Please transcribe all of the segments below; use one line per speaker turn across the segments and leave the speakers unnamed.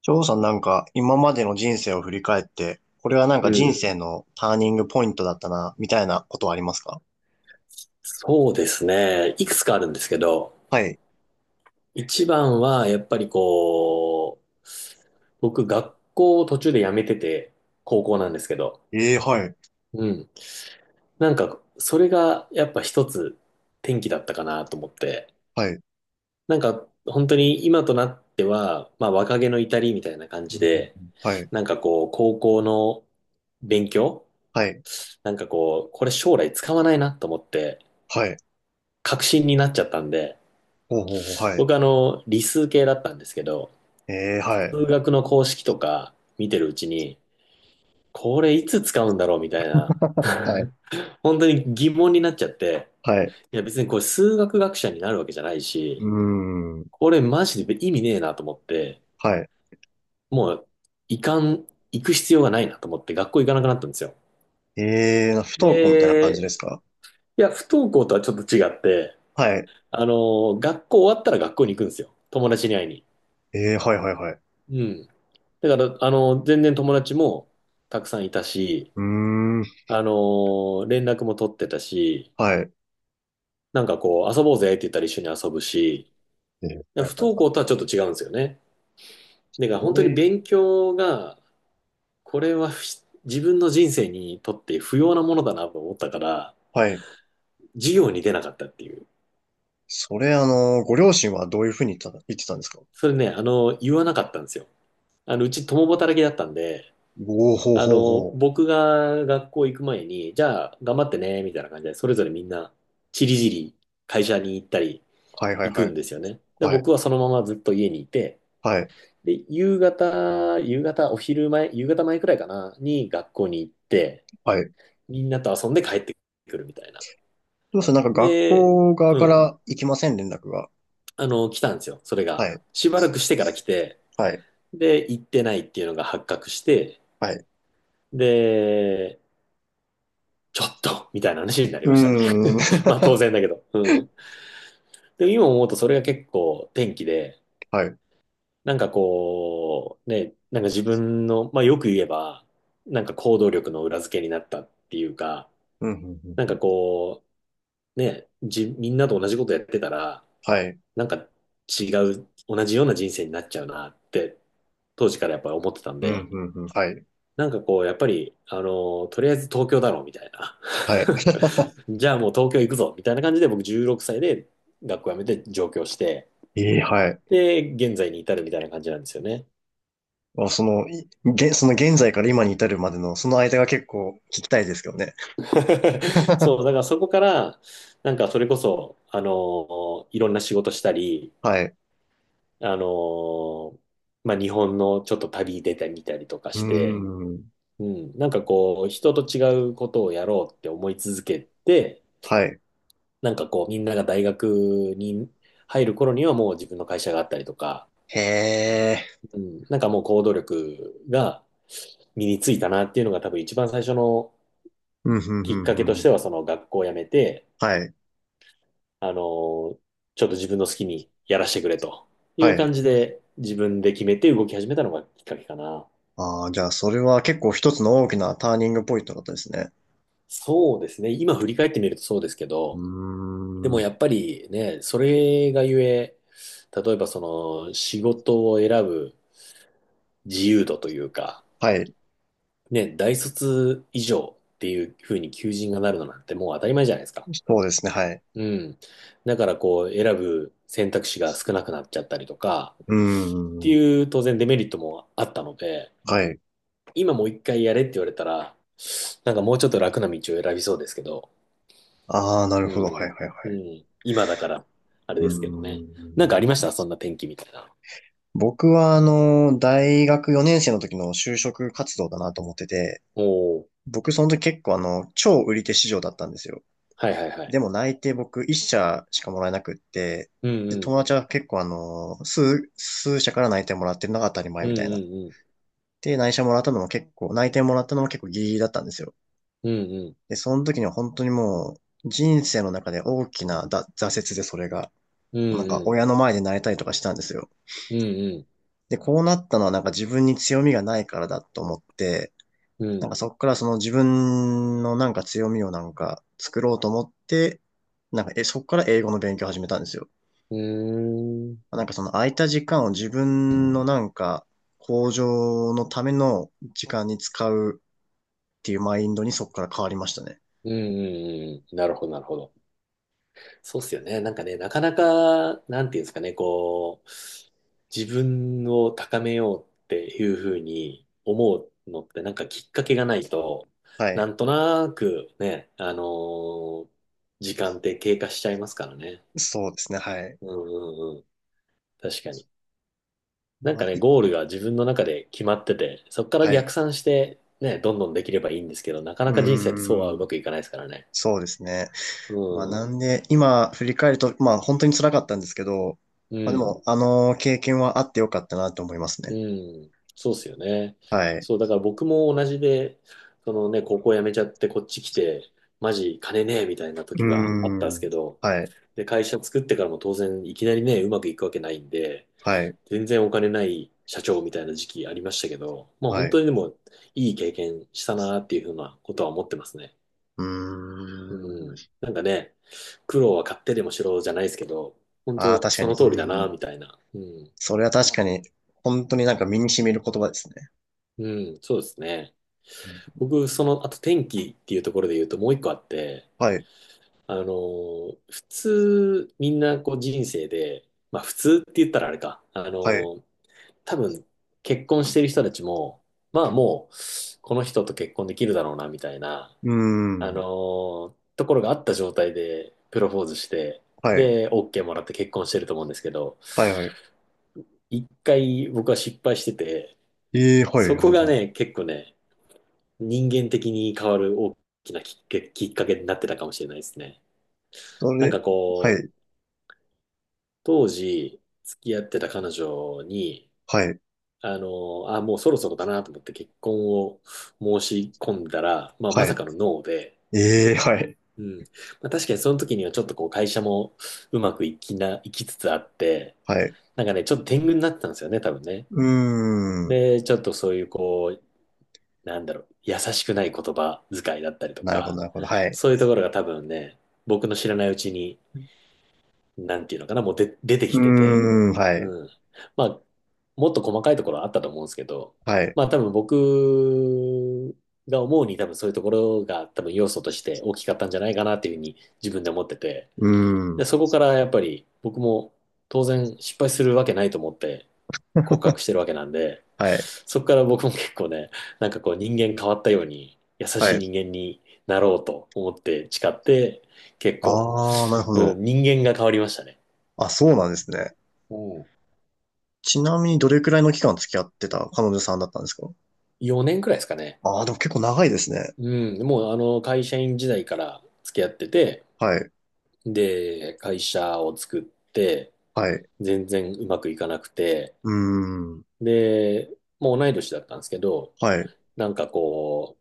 翔さん、なんか今までの人生を振り返って、これはなんかう
う
人ん。
ん。
生のターニングポイントだったな、みたいなことはありますか？
そうですね。いくつかあるんですけど、
はい。
一番はやっぱりこう、僕学校を途中で辞めてて、高校なんですけど、
ええ、はい。
うん。それがやっぱ一つ転機だったかなと思って、
はい。
本当に今となっては、まあ若気の至りみたいな感
うん
じ
うんう
で、
ん、はい。
高校の勉強、
はい。
これ将来使わないなと思って、
はい。
確信になっちゃったんで、
ほうほうほう。はい。
僕理数系だったんですけど、
ええ、はい。
数学の公式とか見てるうちに、これいつ使うんだろうみたいな、
はい。
本当に疑問になっちゃって、
はい。
いや別にこれ数学学者になるわけじゃない
う
し、
ーん。
これマジで意味ねえなと思って、
はい。
もう、いかん、行く必要がないなと思って学校行かなくなったんですよ。
ええ、不登校みたいな感じ
で、
ですか？
いや、不登校とはちょっと違って、
はい。
あの、学校終わったら学校に行くんですよ。友達に会いに。
ええ、はいはいはい。
うん。だから、あの、全然友達もたくさんいたし、
うーん。
連絡も取ってたし、
はい。
遊ぼうぜって言ったら一緒に遊ぶし、
ええ、
だ
は
か
い
ら不
はい
登
はい。
校とはちょっと違うんですよね。だから
こ
本当に
れ、
勉強が、これはひ自分の人生にとって不要なものだなと思ったから、
はい。
授業に出なかったっていう。
それ、あの、ご両親はどういうふうに言ってたんですか？
それね、あの、言わなかったんですよ。あの、うち共働きだったんで、
おー、ほう
あ
ほうほ
の、
う。
僕が学校行く前に、じゃあ頑張ってね、みたいな感じで、それぞれみんな、ちりぢり会社に行ったり
はいはい
行く
はい。
んですよね。で、
はい。
僕はそのままずっと家にいて、
はい。
で、夕方、夕方、お昼前、夕方前くらいかな、に学校に行って、
はい。
みんなと遊んで帰ってくるみたいな。
どうする、なんか学
で、
校側
う
か
ん、
ら行きません、連絡が。
あの、来たんですよ、それ
は
が。
い。
しばらくしてから来て、
はい。
で、行ってないっていうのが発覚して、
はい。
で、ちょっとみたいな話になり
う
ましたね。
ーん。
まあ当然 だけど。うん。でも今思うとそれが結構転機で、
はい。うん、
ね、なんか自分の、まあよく言えば、なんか行動力の裏付けになったっていうか、
うん、うん。
なん
う
か
ん、
こみんなと同じことやってたら、
はい。
なんか違う、同じような人生になっちゃうなって、当時からやっぱり思ってたん
うん、
で、
うん、うん。はい。
やっぱり、あの、とりあえず東京だろうみたいな。
はい。
じゃあもう東京行くぞみたいな感じで僕16歳で学校辞めて上京して、
ええ、はい。
で、現在に至るみたいな感じなんですよね。
あ、その、その現在から今に至るまでの、その間が結構聞きたいですけどね。
そう、だ からそこから、なんかそれこそ、あの、いろんな仕事したり、
はい。
あのーまあ、日本のちょっと旅出てみたりとか
うー
して、
ん。
うん、人と違うことをやろうって思い続けて、
はい。
みんなが大学に入る頃にはもう自分の会社があったりとか、
へえ。
うん、なんかもう行動力が身についたなっていうのが多分一番最初の
うん、うん、う
きっかけと
ん、う
し
ん。
ては、その学校を辞めて、
はい。
あのーちょっと自分の好きにやらせてくれとい
は
う
い。
感じで、自分で決めて動き始めたのがきっかけかな。
ああ、じゃあ、それは結構一つの大きなターニングポイントだったですね。
そうですね。今振り返ってみるとそうですけ
う
ど、で
ー
も
ん。
やっぱりね、それがゆえ、例えばその仕事を選ぶ自由度というか、
はい。
ね、大卒以上っていうふうに求人がなるのなんてもう当たり前じゃないですか。
そうですね、はい。
うん。だからこう選ぶ選択肢が少なくなっちゃったりとか、
うー
って
ん。
いう当然デメリットもあったので、
はい。
今もう一回やれって言われたら、なんかもうちょっと楽な道を選びそうですけど、
ああ、なる
う
ほど。は
ん。
いはいは
う
い。
ん。今だから、あれ
う
ですけど
ー
ね。なんかありまし
ん。
たそんな天気みたいな。
僕は、あの、大学4年生の時の就職活動だなと思ってて、
おお。
僕その時結構あの、超売り手市場だったんですよ。
はいはいはい。
でも内定、僕1社しかもらえなくって、
うん
で、
うん。
友達は結構あの、数社から内定もらってるのが当たり
う
前
ん
み
う
たいな。
んうん。
で、内定もらったのも結構ギリギリだったんですよ。
うんうん。
で、その時には本当にもう、人生の中で大きな挫折でそれが。
うん
なんか
うん。
親の前で泣いたりとかしたんですよ。
うん
で、こうなったのはなんか自分に強みがないからだと思って、
う
なん
ん。
かそっからその自分のなんか強みをなんか作ろうと思って、なんかそっから英語の勉強を始めたんですよ。
うん。うーん。
なんかその空いた時間を自分のなんか向上のための時間に使うっていうマインドにそっから変わりましたね。
うんうんうん。なるほどなるほど。そうっすよね。なんかね、なかなか、なんていうんですかね、こう、自分を高めようっていうふうに思うのって、なんかきっかけがないと、
は
な
い。
んとなくね、時間って経過しちゃいますからね。
そうですね。はい。
うんうんうん。確かに。なん
ま
か
あ、
ね、ゴールが自分の中で決まってて、そこから
はい。う
逆算して、ね、どんどんできればいいんですけど、なかな
ー
か人生ってそうはう
ん。
まくいかないですからね。
そうですね。まあ
う
な
ん。
んで、今振り返ると、まあ本当に辛かったんですけど、
う
まあで
ん。
も、あの経験はあってよかったなと思います
う
ね。
ん、そうっすよね。
はい。
そう、だから僕も同じで、そのね、高校辞めちゃってこっち来て、マジ金ねえみたいな
う
時があったんで
ー
すけ
ん。
ど、
はい。
で、会社作ってからも当然いきなりね、うまくいくわけないんで、
はい。
全然お金ない社長みたいな時期ありましたけど、まあ
は
本
い。
当にでもいい経験したなっていうふうなことは思ってますね。
うー
うん。
ん。
なんかね、苦労は買ってでもしろじゃないですけど、本
ああ、
当
確か
そ
に。
の通りだ
う
な
ん。
みたいな。うん。
それは確かに、本当になんか身に染みる言葉ですね。
うん、そうですね。
うん、
僕、その、あと天気っていうところで言うともう一個あって、
はい。
普通、みんなこう人生で、まあ普通って言ったらあれか、
はい。う
多分結婚してる人たちも、まあもう、この人と結婚できるだろうな、みたいな、
ーん。
ところがあった状態でプロポーズして、
はい。
で、OK もらって結婚してると思うんですけど、
はい。はい。
一回僕は失敗してて、
ええ、はい。
そ
は
こ
い。
が
は
ね、
い、
結構ね、人間的に変わる大きなきっかけになってたかもしれないですね。
そ
なん
れ、
か
は
こう、
い。
当時付き合ってた彼女に、
はい。
あの、あ、もうそろそろだなと思って結婚を申し込んだら、まあま
は
さ
い。
かのノーで、
ええ、はい。
うん。まあ確かにその時にはちょっとこう会社もうまくいきな、いきつつあって、
はい。
なんかね、ちょっと天狗になってたんですよね、多分ね。
うーん。
で、ちょっとそういうこう、なんだろう、優しくない言葉遣いだったりと
なるほど、
か、
なるほど。はい。
そういうところが多分ね、僕の知らないうちに、なんていうのかな、もうで出て
う
きてて、
ーん。はい。
うん。まあ、もっと細かいところはあったと思うんですけど、
はい。
まあ多分僕が思うに多分そういうところが多分要素として大きかったんじゃないかなっていうふうに自分で思ってて、
うー
で、
ん。
そこからやっぱり僕も当然失敗するわけないと思って告白 してるわけなんで、
はい。
そこから僕も結構ね、なんかこう人間変わったように優
は
しい
い。
人間になろうと思って誓って、結構、
ああ、なるほ
う
ど。
ん、人間が変わりましたね。
あ、そうなんですね。
おう。
ちなみにどれくらいの期間付き合ってた彼女さんだったんですか？
4年くらいですかね。
ああー、でも結構長いですね。
うん、もうあの会社員時代から付き合ってて、
はい。
で、会社を作って、
はい。
全然うまくいかなくて、
うーん。
で、もう同い年だったんですけど、
はい。
なんかこ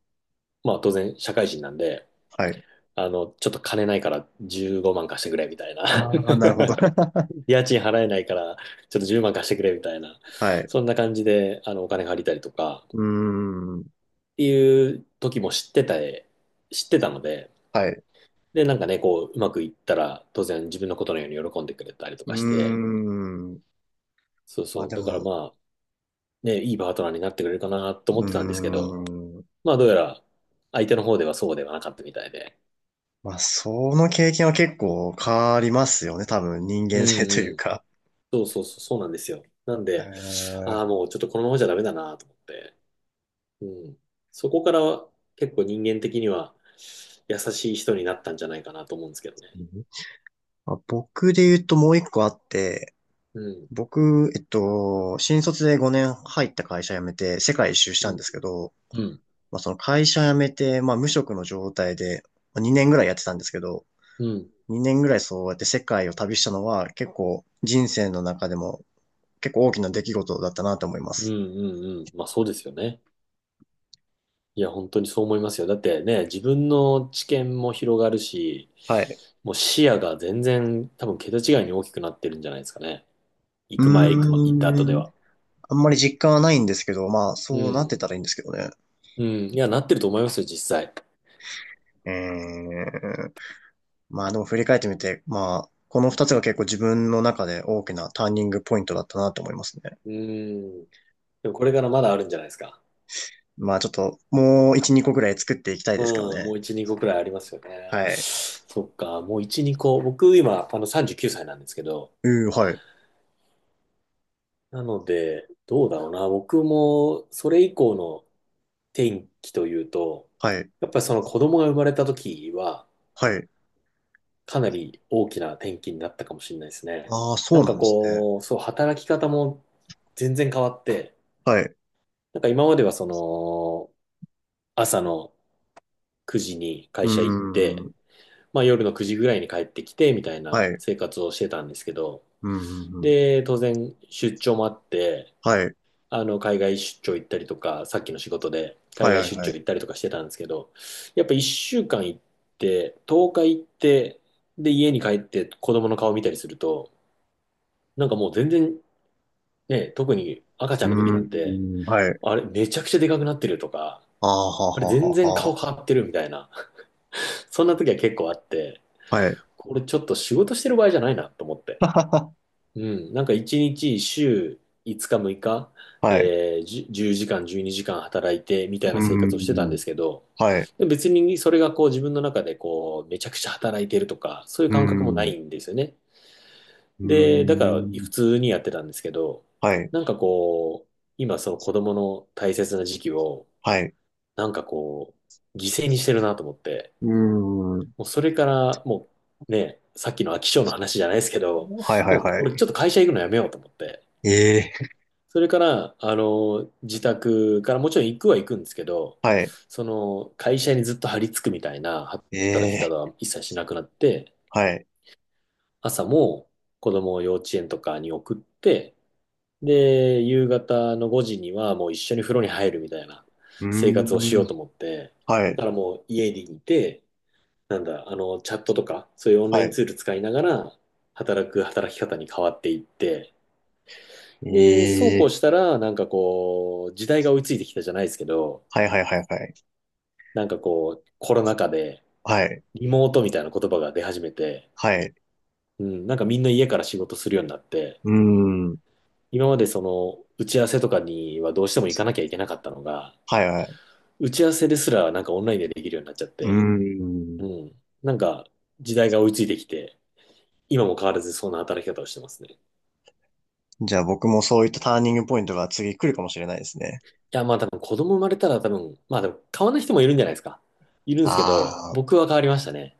まあ当然社会人なんで、
はい。
あの、ちょっと金ないから15万貸してくれみたいな。
ああ、なるほど。
家賃払えないからちょっと10万貸してくれみたいな。
はい。
そんな感じで、お金借りたりとかっ
うーん。
ていう時も知ってたので、
はい。う
で、なんかね、こう、うまくいったら当然自分のことのように喜んでくれたりと
ー
かして、
ん。
そう
まあ
そう。
で
だから
も、
まあ、ね、いいパートナーになってくれるかなと思ってたんですけ
うー
ど、
ん。
まあどうやら相手の方ではそうではなかったみたいで。
まあ、その経験は結構変わりますよね。多分、人
う
間性と
ん
い
う
う
ん。
か。
そうそうそう、そうなんですよ。なん で、
え
ああ、もうちょっとこのままじゃダメだなと思って。うん。そこからは結構人間的には優しい人になったんじゃないかなと思うんですけどね。
ー、まあ、僕で言うともう一個あって、
うん。
僕、えっと、新卒で5年入った会社辞めて世界一周し
う
たんで
ん。
すけど、
うん。
まあ、その会社辞めて、まあ、無職の状態でまあ2年ぐらいやってたんですけど、
うん。
2年ぐらいそうやって世界を旅したのは結構人生の中でも結構大きな出来事だったなと思いま
うん。
す。
うん。うん、まあそうですよね。いや、本当にそう思いますよ。だってね、自分の知見も広がるし、
はい。
もう視野が全然多分桁違いに大きくなってるんじゃないですかね。行
う
く前、行くま、行った後
ー
で
ん。
は。
あんまり実感はないんですけど、まあ
う
そうなっ
ん。
てたらいいんですけどね。
うん。いや、なってると思いますよ、実際。
え、まあでも振り返ってみて、まあ、この二つが結構自分の中で大きなターニングポイントだったなと思いますね。
うん。でもこれからまだあるんじゃないですか。
まあちょっと、もう一、二個ぐらい作っていきたいですけど
うん、も
ね。
う1、2個くらいありますよね。
はい。
そっか、もう1、2個。僕今、39歳なんですけど、
うー、はい。
なので、どうだろうな。僕もそれ以降の転機というと、
はい。
やっぱりその子供が生まれた時は、
はい。
かなり大きな転機になったかもしれないですね。
ああ、そ
な
う
ん
な
か
んですね。
こう、そう、働き方も全然変わって、
はい。
なんか今まではその、朝の9時に
う
会
ー
社行って、
ん。
まあ、夜の9時ぐらいに帰ってきてみたい
は
な
い。う
生活をしてたんですけど、
ーん。
で、当然出張もあって、
はい。
海外出張行ったりとか、さっきの仕事で
は
海
い、
外
はい、
出
は
張行
い。
ったりとかしてたんですけど、やっぱ1週間行って、10日行って、で、家に帰って子供の顔見たりすると、なんかもう全然ね、特に赤ち
う
ゃんの時なんて、
ーん。はい。
あれめちゃくちゃでかくなってるとか、
ああ、はあ
あれ
はあ
全
は
然
あは
顔変わってるみたいな、そんな時は結構あって、
あ。はい。
これちょっと仕事してる場合じゃないなと思って。
はは
うん、なんか一日、週5日、6日、
は、はい。
10時間、12時間働いてみたい
うー
な生活をしてたんで
ん。
すけど、
はい。
でも別にそれがこう自分の中でこうめちゃくちゃ働いてるとか、そういう
うー
感覚もな
ん。う
いんですよね。
ー
で、だから普
ん。
通にやってたんですけど、
はい。
なんかこう、今その子供の大切な時期を、
はい。
なんかこう、犠牲にしてるなと思って、
うーん。
もうそれからもうね、さっきの飽き性の話じゃないですけど、
はい、はい、
もう
は
俺ちょ
い。
っと会社行くのやめようと思って、
ええ、
それから、自宅からもちろん行くは行くんですけど、
はい。
その、会社にずっと張り付くみたいな
え
働き方
え、
は一切しなくなって、
はい。
朝も子供を幼稚園とかに送って、で、夕方の5時にはもう一緒に風呂に入るみたいな
うー
生活をし
ん、
ようと思って、
は
だ
い。
からもう家にいて、なんだ、チャットとか、そういうオンライ
は
ン
い。
ツール使いながら、働き方に変わっていって、
え
で、そうこう
え、
したら、なんかこう、時代が追いついてきたじゃないですけど、
はい。はい。はい。はい。
なんかこう、コロナ禍で、
はい。
リモートみたいな言葉が出始めて、
はい。
うん、なんかみんな家から仕事するようになって、
うーん、
今までその、打ち合わせとかにはどうしても行かなきゃいけなかったのが、
はい。はい。
打ち合わせですらなんかオンラインでできるようになっちゃっ
うー
て、う
ん。
ん、なんか時代が追いついてきて、今も変わらずそんな働き方をしてますね。い
じゃあ僕もそういったターニングポイントが次来るかもしれないですね。
や、まあ多分子供生まれたら多分、まあでも変わらない人もいるんじゃないですか。いるんですけど、
ああ。
僕は変わりましたね。